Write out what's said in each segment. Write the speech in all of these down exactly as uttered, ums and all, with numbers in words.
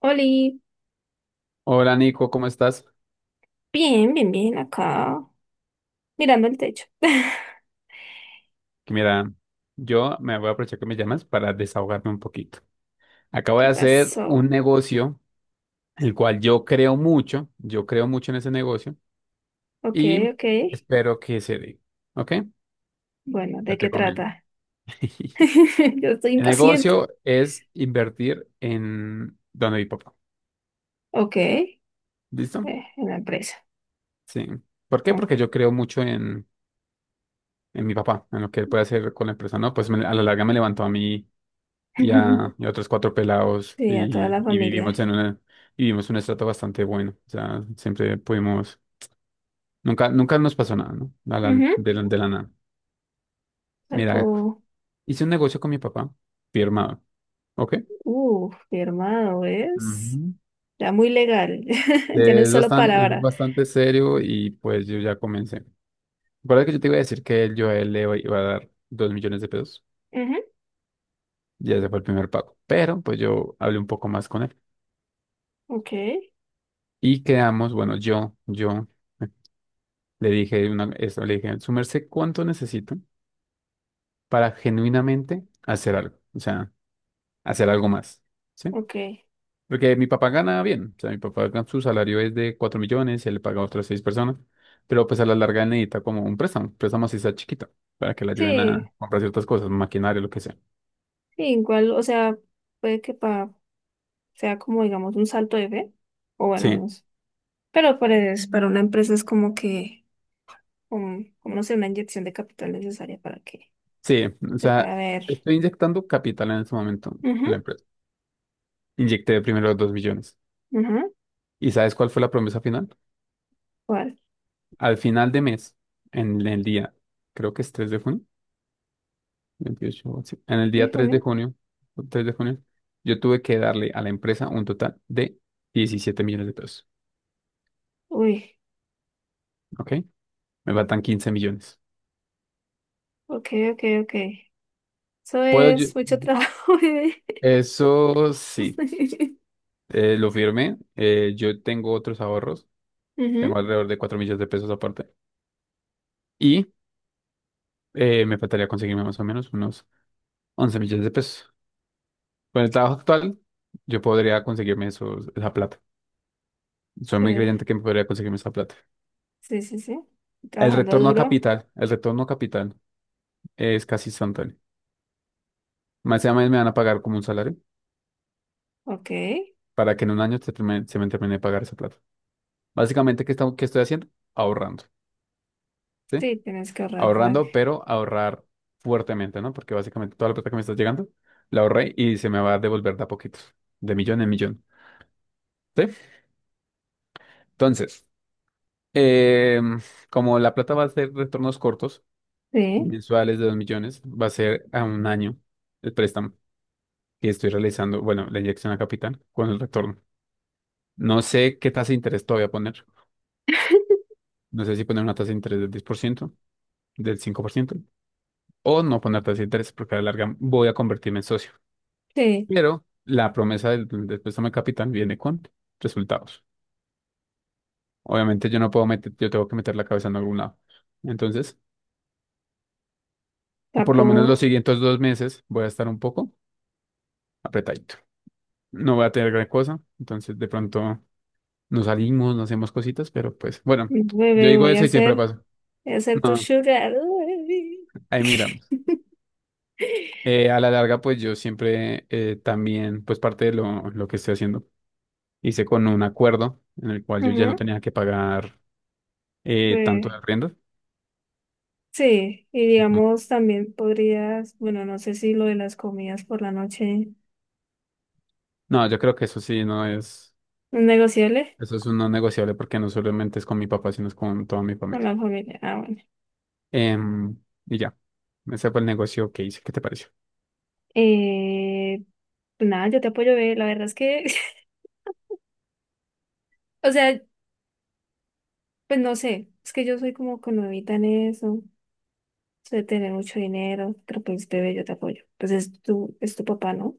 Oli, Hola Nico, ¿cómo estás? bien, bien, bien, acá, mirando el techo. Mira, yo me voy a aprovechar que me llamas para desahogarme un poquito. Acabo de ¿Qué hacer un pasó? negocio, el cual yo creo mucho, yo creo mucho en ese negocio Ok, y ok. espero que se dé, ¿ok? Bueno, Ya ¿de qué te comento. trata? Yo estoy El impaciente. negocio es invertir en donde mi papá, Ok, eh, ¿listo? en la empresa. Sí. ¿Por qué? Mm. Porque yo creo mucho en, en mi papá, en lo que él puede hacer con la empresa, ¿no? Pues me- a la larga me levantó a mí y a, y a otros cuatro pelados Sí, a toda y, la y vivimos familia. en una, y vivimos un estrato bastante bueno. O sea, siempre pudimos, nunca, nunca nos pasó nada, ¿no? A la- Ujú, de la, de la nada. Mira, salvo, hice un negocio con mi papá, firmado, ¿ok? uh, firmado, ¿ves? Ujú. Ya muy legal. Ya no es Es solo bastante, es palabra. bastante serio y pues yo ya comencé. Recuerda que yo te iba a decir que yo a él le iba a dar dos millones de pesos. Ujú, Ya ese fue el primer pago. Pero pues yo hablé un poco más con él. ok, Y quedamos, bueno, yo, yo. Le dije una, eso, le dije, su merced, ¿cuánto necesito para genuinamente hacer algo? O sea, hacer algo más, ¿sí? ok. Porque mi papá gana bien, o sea, mi papá gana- su salario es de cuatro millones, él le paga a otras seis personas, pero pues a la larga él necesita como un préstamo, préstamo así sea chiquito, para que le ayuden Sí, a comprar ciertas cosas, maquinaria, lo que sea. sí, igual, o sea, puede que pa sea como, digamos, un salto de fe. O bueno, Sí, no sé. Pero pues para una empresa es como que, como, como no sé, una inyección de capital necesaria para que sí, o se pueda sea, ver. estoy inyectando capital en este momento en Ujú, la empresa. Inyecté primero dos millones. ujú. ¿Y sabes cuál fue la promesa final? ¿Cuál? Al final de mes, en el día, creo que es tres de junio. Veintiocho sí. En el ¿De día tres de junio? junio, tres de junio, yo tuve que darle a la empresa un total de diecisiete millones de pesos, Uy, ¿ok? Me faltan quince millones. ok, ok, ok. Eso Puedo yo- es mucho trabajo, bebé. Eso sí, eh, lo firmé. eh, yo tengo otros ahorros, Ujú, tengo alrededor de cuatro millones de pesos aparte. Y eh, me faltaría conseguirme más o menos unos once millones de pesos. Con el trabajo actual, yo podría conseguirme esos, esa plata. Soy muy eh, creyente que me podría conseguirme esa plata. sí, sí, sí. El Trabajando retorno a duro. capital, el retorno a capital es casi instantáneo. Más sea allá me van a pagar como un salario Ok. para que en un año se, termine- se me termine de pagar esa plata. Básicamente, ¿qué, estamos- qué estoy haciendo? Ahorrando, ¿sí? Sí, tienes que ahorrar, ¿verdad? Ahorrando, pero ahorrar fuertemente, ¿no? Porque básicamente toda la plata que me está llegando la ahorré y se me va a devolver de a poquitos, de millón en millón, ¿sí? Entonces, em, como la plata va a ser retornos cortos, Sí, mensuales de dos millones, va a ser a un año el préstamo que estoy realizando, bueno, la inyección a capital con el retorno. No sé qué tasa de interés todavía voy a poner. No sé si poner una tasa de interés del diez por ciento del cinco por ciento o no poner tasa de interés porque a la larga voy a convertirme en socio. sí. Pero la promesa del, del préstamo de capital viene con resultados. Obviamente yo no puedo meter, yo tengo que meter la cabeza en algún lado. Entonces, por lo Tapo, menos los siguientes dos meses voy a estar un poco apretadito. No voy a tener gran cosa, entonces de pronto nos salimos, nos hacemos cositas, pero pues bueno, yo bebé, digo voy a eso y siempre hacer, pasa. voy a hacer tu No, sugar. Uy. ahí mira. Eh, a la larga, pues yo siempre eh, también, pues parte de lo, lo que estoy haciendo, hice con un acuerdo en el cual yo ya Ujú, no tenía que pagar eh, tanto de bebé. arriendo. Sí, y Ujú. digamos también podrías, bueno, no sé si lo de las comidas por la noche No, yo creo que eso sí no es, no es negociable eso es un no negociable porque no solamente es con mi papá, sino es con toda mi con familia. la familia. Ah, bueno. Em, y ya, ese fue el negocio que hice. ¿Qué te pareció? Eh, pues nada, yo te apoyo, ve, la verdad es que, o sea, pues no sé, es que yo soy como que nuevita en eso, sé tener mucho dinero, pero pues bebé, yo te apoyo. Pues es tu, es tu papá, ¿no?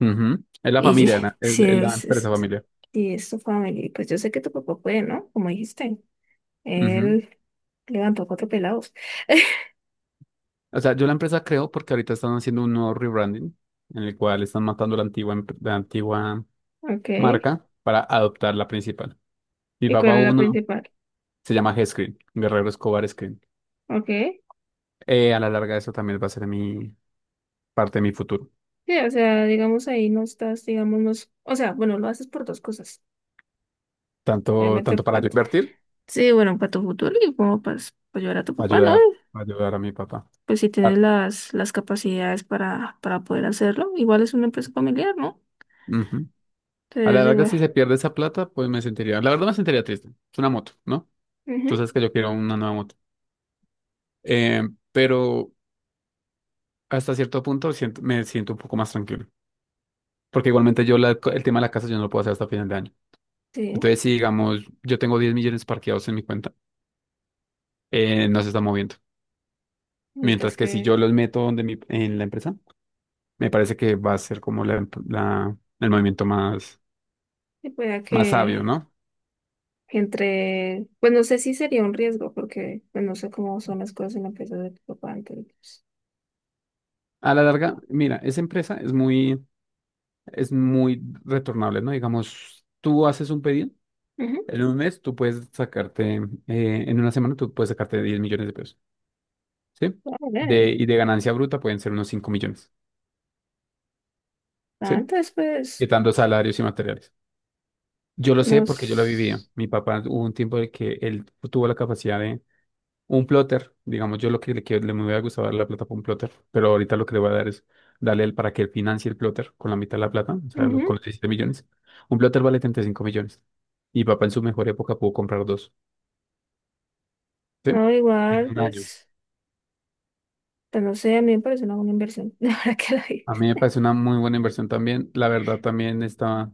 Ujú. Es la Y familia, na- es, si es la es, empresa es, familiar. si es tu familia, pues yo sé que tu papá puede, ¿no? Como dijiste, Ujú. él levantó cuatro pelados. O sea, yo la empresa creo porque ahorita están haciendo un nuevo rebranding en el cual están matando la antigua, em- la antigua. Ok. Marca para adoptar la principal. Mi ¿Y cuál papá es la uno principal? se llama G-Screen, Guerrero Escobar Screen. Ok. Eh, a la larga eso también va a ser mi parte de mi futuro. Sí, o sea, digamos ahí no estás, digamos, no es- o sea, bueno, lo haces por dos cosas. Tanto, Obviamente, tanto para pa- yo invertir, sí, bueno, para tu futuro y como para ayudar a tu papá, ¿no? ayudar, ayudar a mi papá. Pues si tienes Par- las, las capacidades para, para poder hacerlo, igual es una empresa familiar, ¿no? Ujú. A Entonces, la larga igual. si se pierde esa plata, pues me sentiría, la verdad me sentiría triste. Es una moto, ¿no? Tú Ujú, sabes que yo quiero una nueva moto. Eh, pero hasta cierto punto siento- me siento un poco más tranquilo. Porque igualmente yo la- el tema de la casa yo no lo puedo hacer hasta final de año. sí, Entonces, si digamos, yo tengo diez millones parqueados en mi cuenta, eh, no se está moviendo. necesitas Mientras que si yo que, los meto donde mi, en la empresa, me parece que va a ser como la, la- el movimiento más, que pueda más sabio, que ¿no? entre, pues no sé si sería un riesgo, porque pues, no sé cómo son las cosas en la empresa de tu papá, entonces, A la larga, pues, mira, esa empresa es muy, es muy, retornable, ¿no? Digamos, tú haces un pedido, ujú, en un mes tú puedes sacarte, eh, en una semana tú puedes sacarte diez millones de pesos, ¿sí? está De, bien. y de ganancia bruta pueden ser unos cinco millones, Ah, ¿sí? entonces, pues, Quitando salarios y materiales. Yo lo sé porque yo lo vivía. nos... Mi papá hubo un tiempo de que él tuvo la capacidad de. Un plotter, digamos, yo lo que le quiero, le me hubiera gustado dar la plata por un plotter, pero ahorita lo que le voy a dar es darle el para que él financie el plotter con la mitad de la plata, o sea, los- ujú. con los diecisiete millones. Un plotter vale treinta y cinco millones y papá en su mejor época pudo comprar dos, ¿sí? No, En igual, un año. pues, pues, no sé, a mí me parece una buena inversión, la verdad que la vi. A mí me parece una muy buena inversión también. La verdad, también estaba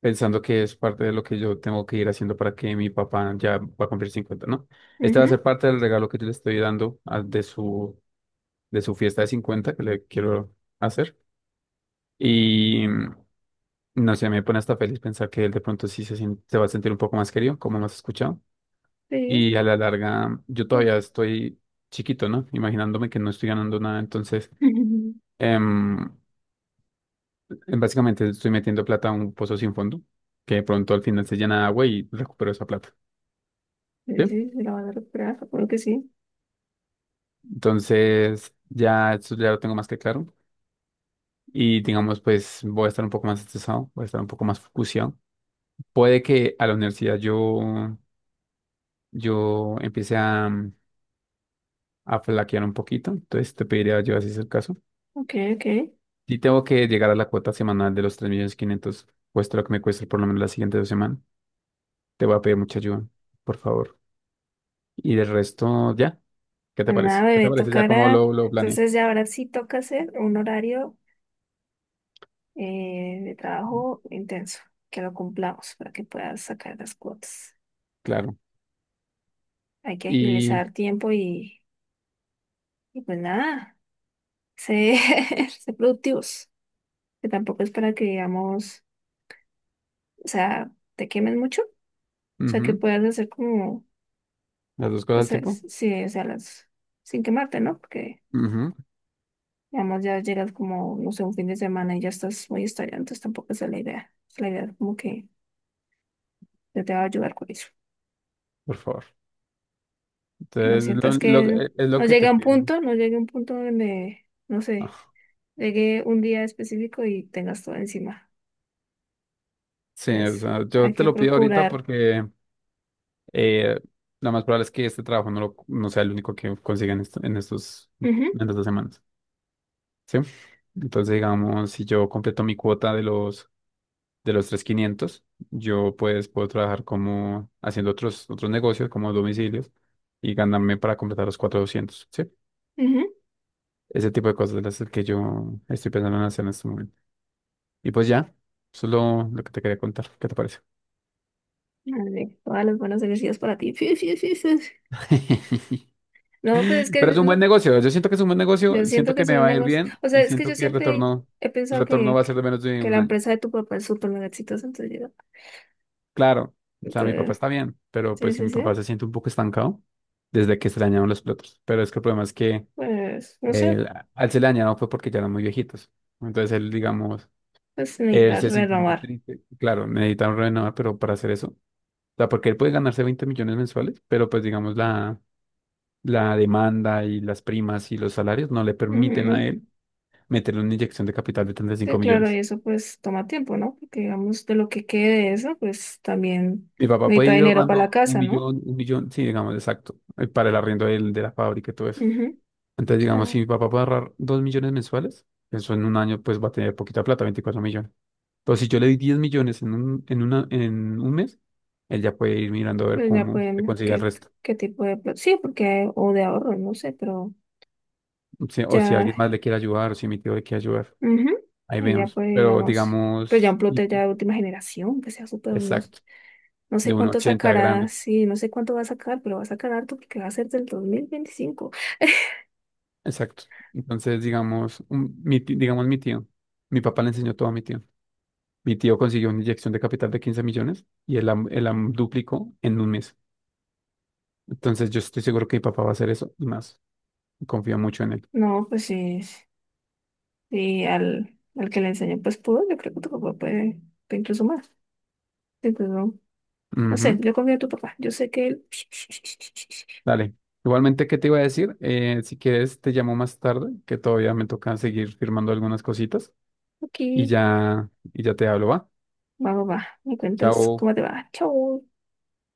pensando que es parte de lo que yo tengo que ir haciendo para que mi papá ya va a cumplir cincuenta, ¿no? Este va a Ujú, ser parte del regalo que yo le estoy dando a- de su, de su fiesta de cincuenta que le quiero hacer. Y mm, no sé, me pone hasta feliz pensar que él de pronto sí se, sien- se va a sentir un poco más querido, como nos has escuchado. sí. Y a la larga, yo Pues, todavía estoy chiquito, ¿no? Imaginándome que no estoy ganando nada. Entonces, ujú. em, básicamente estoy metiendo plata a un pozo sin fondo, que de pronto al final se llena de agua y recupero esa plata. Sí, ¿Sí? sí, sí, la van a recuperar, supongo que sí. Entonces, ya eso ya lo tengo más que claro. Y digamos, pues voy a estar un poco más estresado, voy a estar un poco más focuseado. Puede que a la universidad yo, yo empiece a, a flaquear un poquito, entonces te pediría yo, así es el caso. Ok, ok. Y tengo que llegar a la cuota semanal de los tres millones quinientos mil, cuesta lo que me cueste por lo menos las siguientes dos semanas. Te voy a pedir mucha ayuda, por favor. Y del resto, ya. ¿Qué te Pues nada, parece? ¿Qué te bebé, parece ya cómo tocará. lo, lo planeé? Entonces, ya ahora sí toca hacer un horario eh, de trabajo intenso, que lo cumplamos para que puedas sacar las cuotas. Claro. Hay que Y agilizar tiempo y, y pues nada, ser, ser productivos. Que tampoco es para que, digamos, o sea, te quemen mucho, o sea, que ujú, puedas hacer como, las dos cosas al pues, tipo. es- sí, o sea, las, sin quemarte, ¿no? Porque, Ujú, digamos, ya llegas como, no sé, un fin de semana y ya estás muy estallado, entonces tampoco esa es la idea. Es la idea como que yo te va a ayudar con eso, por favor. que no Entonces, sientas lo- lo- que es no lo que llegue te a un pido, ¿no? punto, no llegue a un punto donde, no sé, Ah, llegue un día específico y tengas todo encima. sí, o Entonces, sea, yo hay te que lo pido ahorita procurar. porque Eh, lo más probable es que este trabajo no, lo- no sea el único que consiga en, esto- en estos, en Ujú, estas dos semanas, ¿sí? Entonces, digamos, si yo completo mi cuota de los, de los, tres mil quinientos, yo pues puedo trabajar como haciendo otros, otros negocios, como domicilios, y ganarme para completar los cuatro mil doscientos, ¿sí? ujú. Ese tipo de cosas es el que yo estoy pensando en hacer en este momento. Y pues ya, eso es lo, lo que te quería contar. ¿Qué te parece? Vale, todas las buenas energías para ti. No, pues es que Pero es un buen lo- negocio. Yo siento que es un buen yo negocio, siento siento que que es me un va a ir negocio. bien O sea, y es que siento yo que el siempre retorno, he el pensado retorno que, va a ser de menos de que un la año. empresa de tu papá es súper mega exitosa. Entonces, yo- Claro, o sea, mi papá entonces, está bien, pero sí, pues si sí, mi sí. papá se siente un poco estancado desde que se le dañaron los platos. Pero es que el problema es que Pues, no sé, él- al se le dañaron fue porque ya eran muy viejitos. Entonces él, digamos, pues él necesitas se siente muy renovar. triste. Claro, necesitan renovar, pero para hacer eso, o sea, porque él puede ganarse veinte millones mensuales, pero pues digamos la, la demanda y las primas y los salarios no le permiten a Ujú. él meterle una inyección de capital de treinta y Sí, cinco claro, y millones. eso pues toma tiempo, ¿no? Porque digamos, de lo que quede de eso, pues también Mi papá puede necesita ir dinero para la ahorrando un casa, ¿no? millón, un millón, sí, digamos, exacto, eh, para el arriendo del- de, la fábrica y todo eso. Ujú. O Entonces, digamos, si sea, mi papá puede ahorrar dos millones mensuales, eso en un año, pues va a tener poquita plata, veinticuatro millones. Pero si yo le di diez millones en un, en una, en un mes, él ya puede ir mirando a ver pues ya cómo se pueden, consigue el ¿qué, resto. qué tipo de... pro- Sí, porque, o de ahorro, no sé, pero Si- o si ya. alguien más le quiere ayudar, o si mi tío le quiere ayudar, Ujú. ahí Y ya vemos. pues Pero digamos, pues ya digamos, un plotter ya de última generación, que sea súper, no, exacto, no sé de uno cuánto ochenta sacará, grande. sí, no sé cuánto va a sacar, pero va a sacar harto porque va a ser del dos mil veinticinco. Exacto. Entonces, digamos, un- mi, ti- digamos mi tío, mi papá le enseñó todo a mi tío. Mi tío consiguió una inyección de capital de quince millones y él la, él la duplicó en un mes. Entonces, yo estoy seguro que mi papá va a hacer eso y más. Confío mucho en él. No, pues sí, sí, al, al que le enseñó pues pudo, yo creo que tu papá puede, puede incluso más. Incluso, no no sé, Ujú. yo confío en tu papá, yo sé que él... Dale. Igualmente, ¿qué te iba a decir? Eh, si quieres, te llamo más tarde, que todavía me toca seguir firmando algunas cositas y Aquí, ya, y ya te hablo, ¿va? va, va, va, me cuentas Chao. cómo te va, chao.